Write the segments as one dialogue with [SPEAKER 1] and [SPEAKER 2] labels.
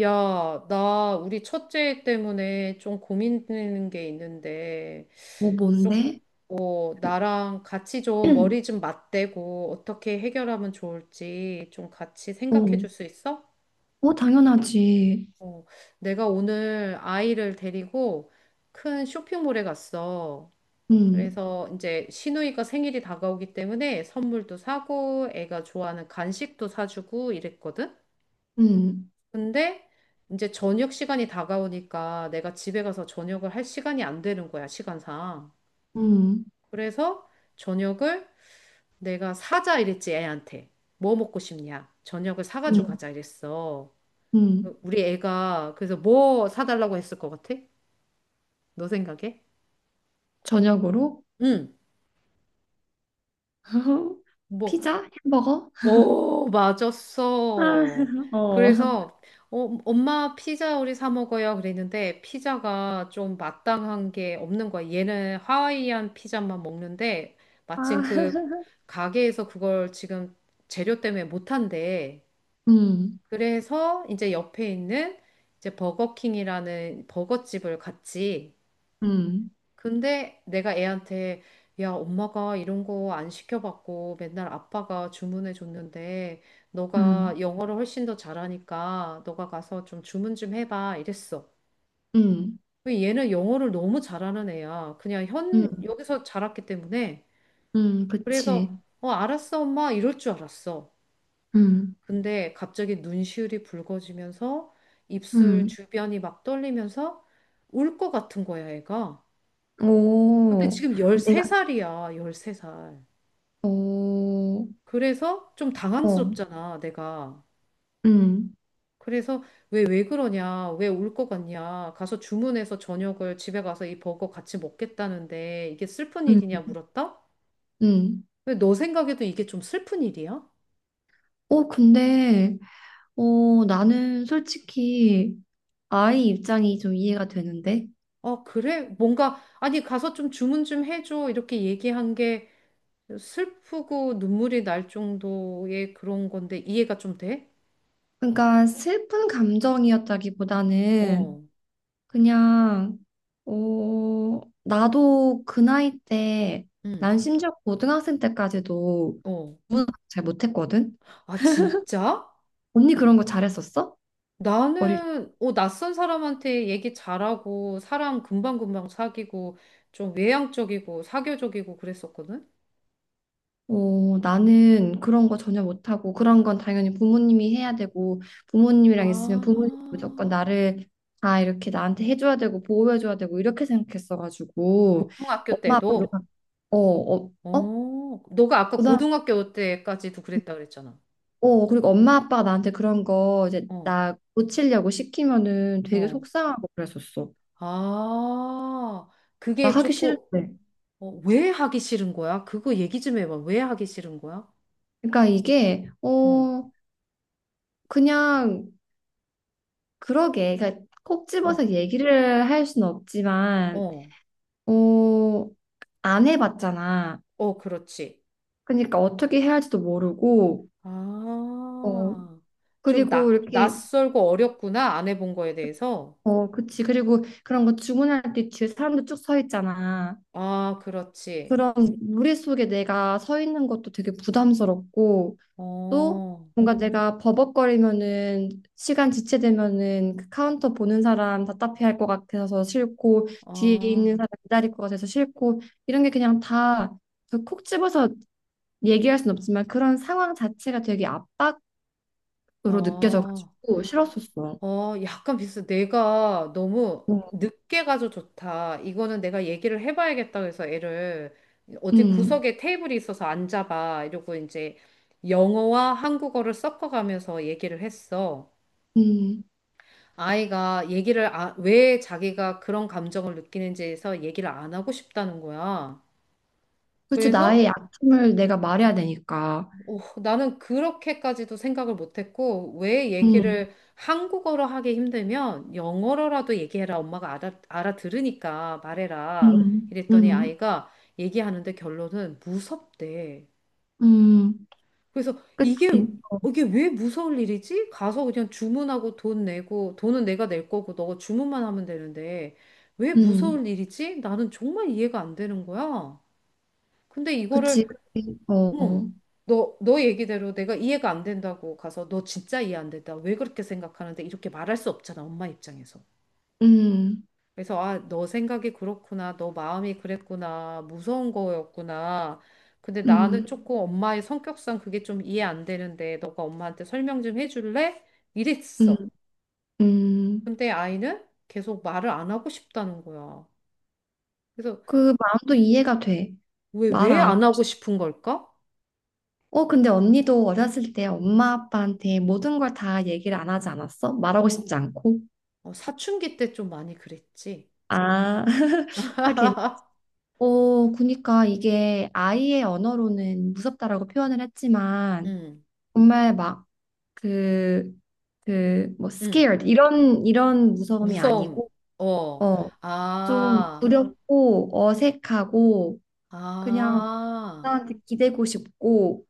[SPEAKER 1] 야, 나 우리 첫째 때문에 좀 고민되는 게 있는데,
[SPEAKER 2] 어, 뭔데?
[SPEAKER 1] 어, 나랑 같이 좀 머리 좀 맞대고 어떻게 해결하면 좋을지 좀 같이 생각해
[SPEAKER 2] 어,
[SPEAKER 1] 줄 수 있어?
[SPEAKER 2] 어, 당연하지.
[SPEAKER 1] 어, 내가 오늘 아이를 데리고 큰 쇼핑몰에 갔어.
[SPEAKER 2] 음,
[SPEAKER 1] 그래서 이제 시누이가 생일이 다가오기 때문에 선물도 사고 애가 좋아하는 간식도 사주고 이랬거든?
[SPEAKER 2] 음,
[SPEAKER 1] 근데 이제 저녁 시간이 다가오니까 내가 집에 가서 저녁을 할 시간이 안 되는 거야, 시간상.
[SPEAKER 2] 음,
[SPEAKER 1] 그래서 저녁을 내가 사자 이랬지, 애한테. 뭐 먹고 싶냐? 저녁을 사가지고
[SPEAKER 2] 음,
[SPEAKER 1] 가자 이랬어.
[SPEAKER 2] 음.
[SPEAKER 1] 우리 애가 그래서 뭐 사달라고 했을 것 같아? 너 생각에?
[SPEAKER 2] 저녁으로?
[SPEAKER 1] 응. 뭐,
[SPEAKER 2] 피자? 햄버거?
[SPEAKER 1] 오,
[SPEAKER 2] 아,
[SPEAKER 1] 맞았어.
[SPEAKER 2] 어.
[SPEAKER 1] 그래서 어, 엄마 피자 우리 사 먹어요 그랬는데 피자가 좀 마땅한 게 없는 거야. 얘는 하와이안 피자만 먹는데 마침
[SPEAKER 2] 아,
[SPEAKER 1] 그 가게에서 그걸 지금 재료 때문에 못 한대.
[SPEAKER 2] 음,
[SPEAKER 1] 그래서 이제 옆에 있는 이제 버거킹이라는 버거집을 갔지.
[SPEAKER 2] 음,
[SPEAKER 1] 근데 내가 애한테 야, 엄마가 이런 거 안 시켜봤고 맨날 아빠가 주문해 줬는데 너가
[SPEAKER 2] 음,
[SPEAKER 1] 영어를 훨씬 더 잘하니까 너가 가서 좀 주문 좀 해봐 이랬어.
[SPEAKER 2] 음,
[SPEAKER 1] 근데 얘는 영어를 너무 잘하는 애야. 그냥 현
[SPEAKER 2] 음,
[SPEAKER 1] 여기서 자랐기 때문에 그래서
[SPEAKER 2] 그치.
[SPEAKER 1] 어 알았어 엄마 이럴 줄 알았어.
[SPEAKER 2] 음,
[SPEAKER 1] 근데 갑자기 눈시울이 붉어지면서 입술
[SPEAKER 2] 음.
[SPEAKER 1] 주변이 막 떨리면서 울 것 같은 거야, 애가. 근데
[SPEAKER 2] 오,
[SPEAKER 1] 지금
[SPEAKER 2] 내가,
[SPEAKER 1] 13살이야, 13살.
[SPEAKER 2] 오,
[SPEAKER 1] 그래서 좀
[SPEAKER 2] 어,
[SPEAKER 1] 당황스럽잖아, 내가.
[SPEAKER 2] 음,
[SPEAKER 1] 그래서 왜 그러냐, 왜 올 것 같냐, 가서 주문해서 저녁을 집에 가서 이 버거 같이 먹겠다는데 이게 슬픈 일이냐
[SPEAKER 2] 음,
[SPEAKER 1] 물었다?
[SPEAKER 2] 음.
[SPEAKER 1] 왜 너 생각에도 이게 좀 슬픈 일이야?
[SPEAKER 2] 어, 근데, 나는 솔직히, 아이 입장이 좀 이해가 되는데.
[SPEAKER 1] 어, 그래? 뭔가, 아니, 가서 좀 주문 좀 해줘. 이렇게 얘기한 게 슬프고 눈물이 날 정도의 그런 건데 이해가 좀 돼?
[SPEAKER 2] 그러니까 슬픈 감정이었다기보다는
[SPEAKER 1] 어,
[SPEAKER 2] 그냥 나도 그 나이 때
[SPEAKER 1] 응,
[SPEAKER 2] 난 심지어 고등학생 때까지도
[SPEAKER 1] 어.
[SPEAKER 2] 구문을 잘 못했거든.
[SPEAKER 1] 아, 진짜?
[SPEAKER 2] 언니 그런 거 잘했었어? 어릴
[SPEAKER 1] 나는 어, 낯선 사람한테 얘기 잘하고 사람 금방금방 사귀고 좀 외향적이고 사교적이고 그랬었거든.
[SPEAKER 2] 나는 그런 거 전혀 못하고 그런 건 당연히 부모님이 해야 되고
[SPEAKER 1] 아,
[SPEAKER 2] 부모님이랑 있으면 부모님 무조건 나를 다 이렇게 나한테 해줘야 되고 보호해줘야 되고 이렇게 생각했어가지고
[SPEAKER 1] 고등학교
[SPEAKER 2] 엄마
[SPEAKER 1] 때도?
[SPEAKER 2] 아빠가 어, 어, 어?
[SPEAKER 1] 어, 너가 아까
[SPEAKER 2] 그 사람-
[SPEAKER 1] 고등학교 때까지도 그랬다 그랬잖아.
[SPEAKER 2] 어, 그리고 엄마 아빠가 나한테 그런 거 이제
[SPEAKER 1] 어,
[SPEAKER 2] 나 고치려고 시키면은 되게
[SPEAKER 1] 어.
[SPEAKER 2] 속상하고 그랬었어.
[SPEAKER 1] 아,
[SPEAKER 2] 나
[SPEAKER 1] 그게
[SPEAKER 2] 하기
[SPEAKER 1] 조금
[SPEAKER 2] 싫은데.
[SPEAKER 1] 어, 왜 하기 싫은 거야? 그거 얘기 좀 해봐. 왜 하기 싫은 거야?
[SPEAKER 2] 그러니까 이게
[SPEAKER 1] 어,
[SPEAKER 2] 그냥 그러게. 그러니까 콕
[SPEAKER 1] 어,
[SPEAKER 2] 집어서 얘기를 할 수는 없지만
[SPEAKER 1] 어,
[SPEAKER 2] 어 안 해봤잖아.
[SPEAKER 1] 어, 그렇지.
[SPEAKER 2] 그러니까 어떻게 해야 할지도 모르고, 어,
[SPEAKER 1] 아, 좀
[SPEAKER 2] 그리고 이렇게,
[SPEAKER 1] 낯설고 어렵구나. 안 해본 거에 대해서.
[SPEAKER 2] 어, 그치. 그리고 그런 거 주문할 때 뒤에 사람도 쭉 서 있잖아.
[SPEAKER 1] 아, 그렇지.
[SPEAKER 2] 그런 무리 속에 내가 서 있는 것도 되게 부담스럽고, 또
[SPEAKER 1] 어,
[SPEAKER 2] 뭔가 내가 버벅거리면은, 시간 지체되면은 그 카운터 보는 사람 답답해 할 것 같아서 싫고, 뒤에 있는
[SPEAKER 1] 아,
[SPEAKER 2] 사람 기다릴 것 같아서 싫고, 이런 게 그냥 다 그 콕 집어서 얘기할 순 없지만 그런 상황 자체가 되게 압박 으로
[SPEAKER 1] 아,
[SPEAKER 2] 느껴져가지고 싫었었어.
[SPEAKER 1] 어, 약간 비슷해. 내가 너무
[SPEAKER 2] 어,
[SPEAKER 1] 늦게 가서 좋다. 이거는 내가 얘기를 해봐야겠다. 그래서 애를 어디
[SPEAKER 2] 음,
[SPEAKER 1] 구석에 테이블이 있어서 앉아봐. 이러고 이제 영어와 한국어를 섞어가면서 얘기를 했어.
[SPEAKER 2] 음.
[SPEAKER 1] 아이가 얘기를 왜 자기가 그런 감정을 느끼는지에서 얘기를 안 하고 싶다는 거야.
[SPEAKER 2] 그렇지,
[SPEAKER 1] 그래서
[SPEAKER 2] 나의 약점을 내가 말해야 되니까.
[SPEAKER 1] 어, 나는 그렇게까지도 생각을 못했고 왜
[SPEAKER 2] 음,
[SPEAKER 1] 얘기를 한국어로 하기 힘들면 영어로라도 얘기해라. 엄마가 알아들으니까 말해라.
[SPEAKER 2] 음,
[SPEAKER 1] 이랬더니
[SPEAKER 2] 음,
[SPEAKER 1] 아이가 얘기하는데 결론은 무섭대.
[SPEAKER 2] 음.
[SPEAKER 1] 그래서 이게
[SPEAKER 2] 그치,
[SPEAKER 1] 이게 왜 무서울 일이지? 가서 그냥 주문하고 돈 내고 돈은 내가 낼 거고 너가 주문만 하면 되는데 왜
[SPEAKER 2] 음,
[SPEAKER 1] 무서울 일이지? 나는 정말 이해가 안 되는 거야. 근데
[SPEAKER 2] 그치,
[SPEAKER 1] 이거를
[SPEAKER 2] 그치. 어,
[SPEAKER 1] 응, 너 얘기대로 내가 이해가 안 된다고 가서 너 진짜 이해 안 된다. 왜 그렇게 생각하는데 이렇게 말할 수 없잖아. 엄마 입장에서.
[SPEAKER 2] 음,
[SPEAKER 1] 그래서 아, 너 생각이 그렇구나. 너 마음이 그랬구나. 무서운 거였구나. 근데 나는
[SPEAKER 2] 음,
[SPEAKER 1] 조금 엄마의 성격상 그게 좀 이해 안 되는데 너가 엄마한테 설명 좀 해줄래?
[SPEAKER 2] 음,
[SPEAKER 1] 이랬어.
[SPEAKER 2] 음.
[SPEAKER 1] 근데 아이는 계속 말을 안 하고 싶다는 거야. 그래서
[SPEAKER 2] 그 마음도 이해가 돼.
[SPEAKER 1] 왜,
[SPEAKER 2] 말
[SPEAKER 1] 왜
[SPEAKER 2] 안 하고
[SPEAKER 1] 안 하고
[SPEAKER 2] 싶어.
[SPEAKER 1] 싶은 걸까?
[SPEAKER 2] 어, 근데 언니도 어렸을 때 엄마 아빠한테 모든 걸 다 얘기를 안 하지 않았어? 말하고 싶지 않고.
[SPEAKER 1] 어, 사춘기 때 좀 많이 그랬지.
[SPEAKER 2] 아, 하긴. 어, 그니까 이게 아이의 언어로는 무섭다라고 표현을 했지만
[SPEAKER 1] 응,
[SPEAKER 2] 정말 막 그, 그, 뭐,
[SPEAKER 1] 응.
[SPEAKER 2] scared 이런 무서움이
[SPEAKER 1] 무서움.
[SPEAKER 2] 아니고,
[SPEAKER 1] 어.
[SPEAKER 2] 어, 좀
[SPEAKER 1] 아,
[SPEAKER 2] 두렵고 어색하고 그냥
[SPEAKER 1] 아,
[SPEAKER 2] 나한테 기대고 싶고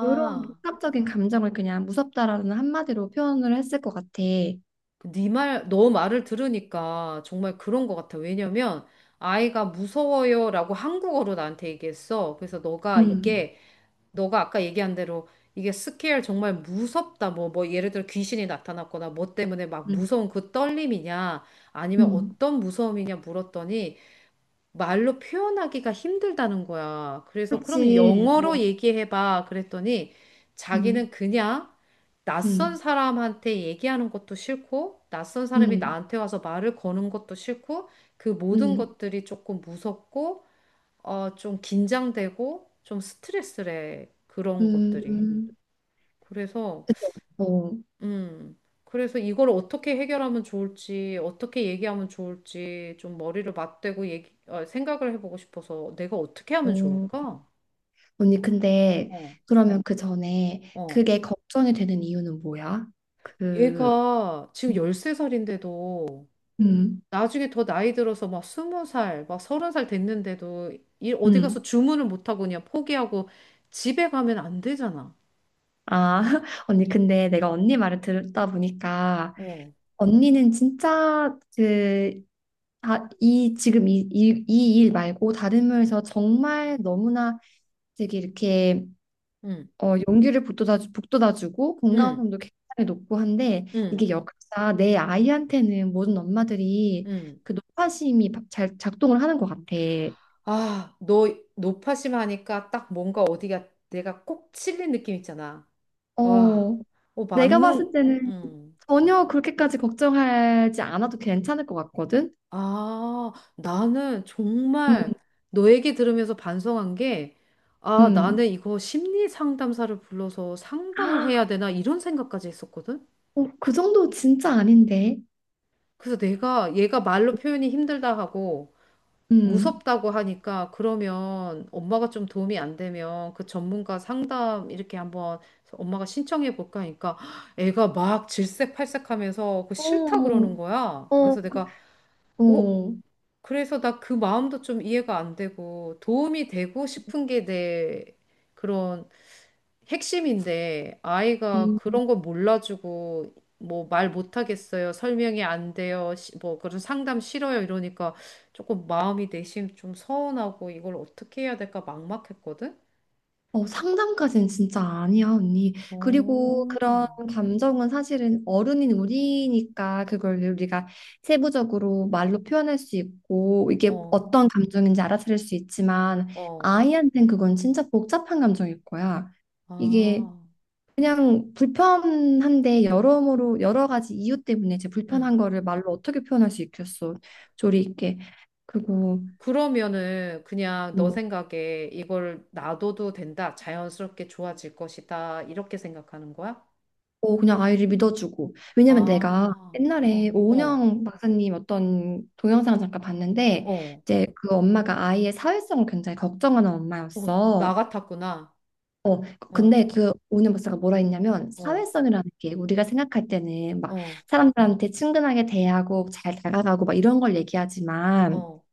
[SPEAKER 2] 이런 복합적인 감정을 그냥 무섭다라는 한마디로 표현을 했을 것 같아.
[SPEAKER 1] 너 말을 들으니까 정말 그런 것 같아. 왜냐면 아이가 무서워요라고 한국어로 나한테 얘기했어. 그래서 너가
[SPEAKER 2] 음,
[SPEAKER 1] 이게 너가 아까 얘기한 대로 이게 스케일 정말 무섭다. 뭐 예를 들어 귀신이 나타났거나 뭐 때문에 막
[SPEAKER 2] 음,
[SPEAKER 1] 무서운 그 떨림이냐 아니면
[SPEAKER 2] 음.
[SPEAKER 1] 어떤 무서움이냐 물었더니 말로 표현하기가 힘들다는 거야. 그래서 그럼
[SPEAKER 2] 그렇지.
[SPEAKER 1] 영어로
[SPEAKER 2] 어,
[SPEAKER 1] 얘기해봐. 그랬더니
[SPEAKER 2] 음,
[SPEAKER 1] 자기는 그냥 낯선
[SPEAKER 2] 음,
[SPEAKER 1] 사람한테 얘기하는 것도 싫고, 낯선 사람이
[SPEAKER 2] 음,
[SPEAKER 1] 나한테 와서 말을 거는 것도 싫고, 그 모든
[SPEAKER 2] 음,
[SPEAKER 1] 것들이 조금 무섭고, 어, 좀 긴장되고, 좀 스트레스래. 그런
[SPEAKER 2] 음,
[SPEAKER 1] 것들이.
[SPEAKER 2] 음.
[SPEAKER 1] 그래서
[SPEAKER 2] 그쵸. 어.
[SPEAKER 1] 음. 그래서 이걸 어떻게 해결하면 좋을지, 어떻게 얘기하면 좋을지 좀 머리를 맞대고 얘기, 어, 생각을 해보고 싶어서 내가 어떻게 하면
[SPEAKER 2] 어,
[SPEAKER 1] 좋을까?
[SPEAKER 2] 언니, 근데 응.
[SPEAKER 1] 어,
[SPEAKER 2] 그러면 그 전에
[SPEAKER 1] 어.
[SPEAKER 2] 그게 걱정이 되는 이유는 뭐야? 그,
[SPEAKER 1] 얘가 지금 13살인데도
[SPEAKER 2] 음,
[SPEAKER 1] 나중에 더 나이 들어서 막 20살, 막 30살 됐는데도 일 어디 가서
[SPEAKER 2] 음.
[SPEAKER 1] 주문을 못하고 그냥 포기하고 집에 가면 안 되잖아.
[SPEAKER 2] 아, 언니, 근데 내가 언니 말을 들다 보니까
[SPEAKER 1] 어,
[SPEAKER 2] 언니는 진짜 아, 지금 이 일 말고 다른 면에서 정말 너무나 되게 이렇게
[SPEAKER 1] 응,
[SPEAKER 2] 용기를 북돋아주고
[SPEAKER 1] 응,
[SPEAKER 2] 건강성도 굉장히 높고 한데
[SPEAKER 1] 응,
[SPEAKER 2] 이게 역사 내 아이한테는 모든 엄마들이
[SPEAKER 1] 응.
[SPEAKER 2] 그 노파심이 잘 작동을 하는 것 같아.
[SPEAKER 1] 아, 너 노파심하니까 딱 뭔가 어디가 내가 꼭 찔린 느낌 있잖아. 와,
[SPEAKER 2] 어,
[SPEAKER 1] 어,
[SPEAKER 2] 내가 봤을 때는
[SPEAKER 1] 음.
[SPEAKER 2] 전혀 그렇게까지 걱정하지 않아도 괜찮을 것 같거든.
[SPEAKER 1] 아, 나는
[SPEAKER 2] 음,
[SPEAKER 1] 정말 너 얘기 들으면서 반성한 게, 아,
[SPEAKER 2] 음.
[SPEAKER 1] 나는 이거 심리 상담사를 불러서 상담을
[SPEAKER 2] 아,
[SPEAKER 1] 해야 되나 이런 생각까지 했었거든?
[SPEAKER 2] 그 정도 진짜 아닌데.
[SPEAKER 1] 그래서 내가 얘가 말로 표현이 힘들다 하고,
[SPEAKER 2] 음.
[SPEAKER 1] 무섭다고 하니까 그러면 엄마가 좀 도움이 안 되면 그 전문가 상담 이렇게 한번 엄마가 신청해 볼까 하니까 애가 막 질색팔색하면서 그 싫다
[SPEAKER 2] 어,
[SPEAKER 1] 그러는 거야.
[SPEAKER 2] 어,
[SPEAKER 1] 그래서 내가 어
[SPEAKER 2] 어.
[SPEAKER 1] 그래서 나 그 마음도 좀 이해가 안 되고 도움이 되고 싶은 게 내 그런 핵심인데 아이가
[SPEAKER 2] 음.
[SPEAKER 1] 그런 거 몰라주고 뭐 말 못하겠어요. 설명이 안 돼요. 뭐 그런 상담 싫어요. 이러니까 조금 마음이 내심 좀 서운하고 이걸 어떻게 해야 될까 막막했거든.
[SPEAKER 2] 어, 상담까지는 진짜 아니야, 언니. 그리고
[SPEAKER 1] 오.
[SPEAKER 2] 그런 감정은 사실은 어른인 우리니까 그걸 우리가 세부적으로 말로 표현할 수 있고 이게
[SPEAKER 1] 어,
[SPEAKER 2] 어떤 감정인지 알아차릴 수 있지만
[SPEAKER 1] 어.
[SPEAKER 2] 아이한텐 그건 진짜 복잡한 감정일 거야. 이게
[SPEAKER 1] 아.
[SPEAKER 2] 그냥 불편한데 여러모로 여러 가지 이유 때문에 제 불편한
[SPEAKER 1] 음.
[SPEAKER 2] 거를 말로 어떻게 표현할 수 있겠어. 조리 있게. 그리고
[SPEAKER 1] 그러면은 그냥 너
[SPEAKER 2] 뭐
[SPEAKER 1] 생각에 이걸 놔둬도 된다. 자연스럽게 좋아질 것이다. 이렇게 생각하는 거야?
[SPEAKER 2] 그냥 아이를 믿어주고. 왜냐면 내가
[SPEAKER 1] 아.
[SPEAKER 2] 옛날에
[SPEAKER 1] 어, 어,
[SPEAKER 2] 오은영 박사님 어떤 동영상 잠깐 봤는데,
[SPEAKER 1] 어.
[SPEAKER 2] 이제 그 엄마가 아이의 사회성을 굉장히 걱정하는
[SPEAKER 1] 어, 나
[SPEAKER 2] 엄마였어.
[SPEAKER 1] 같았구나.
[SPEAKER 2] 어,
[SPEAKER 1] 어.
[SPEAKER 2] 근데 그 오은영 박사가 뭐라 했냐면,
[SPEAKER 1] 어,
[SPEAKER 2] 사회성이라는 게 우리가 생각할 때는 막
[SPEAKER 1] 어,
[SPEAKER 2] 사람들한테 친근하게 대하고 잘 다가가고 막 이런 걸 얘기하지만,
[SPEAKER 1] 어.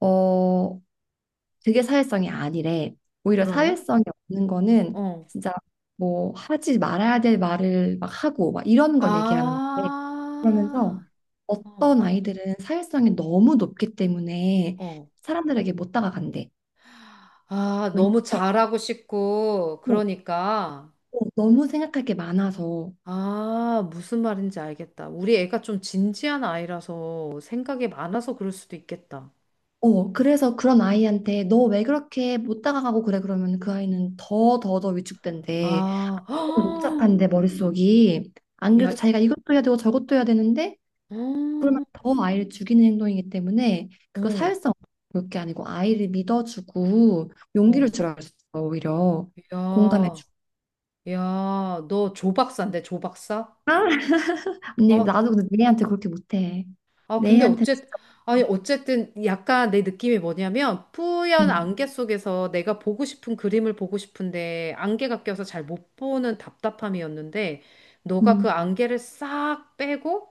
[SPEAKER 2] 어, 그게 사회성이 아니래. 오히려
[SPEAKER 1] 그러면?
[SPEAKER 2] 사회성이 없는 거는
[SPEAKER 1] 어,
[SPEAKER 2] 진짜 뭐 하지 말아야 될 말을 막 하고 막 이런 걸 얘기하는 건데 그러면서
[SPEAKER 1] 아, 어,
[SPEAKER 2] 어떤 아이들은 사회성이 너무 높기 때문에
[SPEAKER 1] 어.
[SPEAKER 2] 사람들에게 못 다가간대.
[SPEAKER 1] 아,
[SPEAKER 2] 왜냐면
[SPEAKER 1] 너무 잘하고 싶고,
[SPEAKER 2] 어,
[SPEAKER 1] 그러니까.
[SPEAKER 2] 너무 생각할 게 많아서.
[SPEAKER 1] 아, 무슨 말인지 알겠다. 우리 애가 좀 진지한 아이라서 생각이 많아서 그럴 수도 있겠다.
[SPEAKER 2] 어, 그래서 그런 아이한테 너 왜 그렇게 못 다가가고 그래? 그러면 그 아이는 더 더 더 위축된대.
[SPEAKER 1] 아,
[SPEAKER 2] 복잡한데 머릿속이. 안 그래도
[SPEAKER 1] 야,
[SPEAKER 2] 자기가 이것도 해야 되고 저것도 해야 되는데 그러면
[SPEAKER 1] 어,
[SPEAKER 2] 더 아이를 죽이는 행동이기 때문에 그거
[SPEAKER 1] 어,
[SPEAKER 2] 사회성 볼게 아니고 아이를 믿어주고 용기를
[SPEAKER 1] 어.
[SPEAKER 2] 주라 그랬어, 오히려
[SPEAKER 1] 야,
[SPEAKER 2] 공감해주고.
[SPEAKER 1] 야, 너 조박사인데, 조박사?
[SPEAKER 2] 아, 근데
[SPEAKER 1] 아,
[SPEAKER 2] 나도 근데 내한테 그렇게 못해.
[SPEAKER 1] 아, 근데
[SPEAKER 2] 내한테 진짜
[SPEAKER 1] 아니,
[SPEAKER 2] 못해.
[SPEAKER 1] 어쨌든 약간 내 느낌이 뭐냐면 뿌연
[SPEAKER 2] 음.
[SPEAKER 1] 안개 속에서 내가 보고 싶은 그림을 보고 싶은데 안개가 껴서 잘 못 보는 답답함이었는데 너가 그
[SPEAKER 2] 음.
[SPEAKER 1] 안개를 싹 빼고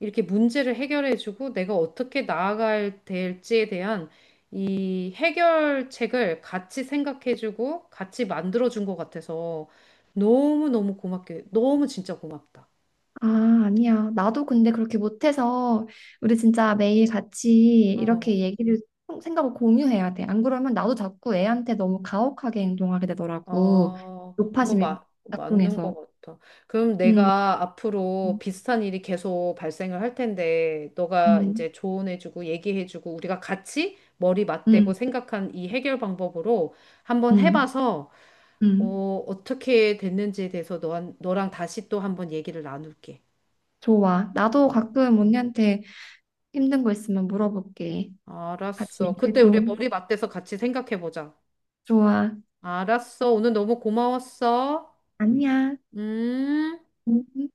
[SPEAKER 1] 이렇게 문제를 해결해주고 내가 어떻게 나아갈 될지에 대한 이 해결책을 같이 생각해주고 같이 만들어준 것 같아서 너무너무 고맙게, 너무 진짜 고맙다.
[SPEAKER 2] 아, 아니야. 나도 근데 그렇게 못해서 우리 진짜 매일 같이
[SPEAKER 1] 어.
[SPEAKER 2] 이렇게 얘기를 생각을 공유해야 돼. 안 그러면 나도 자꾸 애한테 너무 가혹하게 행동하게 되더라고.
[SPEAKER 1] 아, 그거
[SPEAKER 2] 높아심이
[SPEAKER 1] 맞는 것
[SPEAKER 2] 작동해서.
[SPEAKER 1] 같아. 그럼
[SPEAKER 2] 음,
[SPEAKER 1] 내가 앞으로
[SPEAKER 2] 음,
[SPEAKER 1] 비슷한 일이 계속 발생을 할 텐데, 너가
[SPEAKER 2] 음,
[SPEAKER 1] 이제 조언해주고 얘기해주고, 우리가 같이 머리 맞대고
[SPEAKER 2] 음,
[SPEAKER 1] 생각한 이 해결 방법으로 한번
[SPEAKER 2] 음.
[SPEAKER 1] 해봐서,
[SPEAKER 2] 음.
[SPEAKER 1] 어, 어떻게 됐는지에 대해서 너랑 다시 또 한번 얘기를 나눌게.
[SPEAKER 2] 좋아. 나도
[SPEAKER 1] 어,
[SPEAKER 2] 가끔 언니한테 힘든 거 있으면 물어볼게. 같이
[SPEAKER 1] 알았어. 그때 우리
[SPEAKER 2] 얘기해줘.
[SPEAKER 1] 머리 맞대서 같이 생각해보자.
[SPEAKER 2] 좋아.
[SPEAKER 1] 알았어. 오늘 너무 고마웠어.
[SPEAKER 2] 아니야.
[SPEAKER 1] 음.
[SPEAKER 2] 음.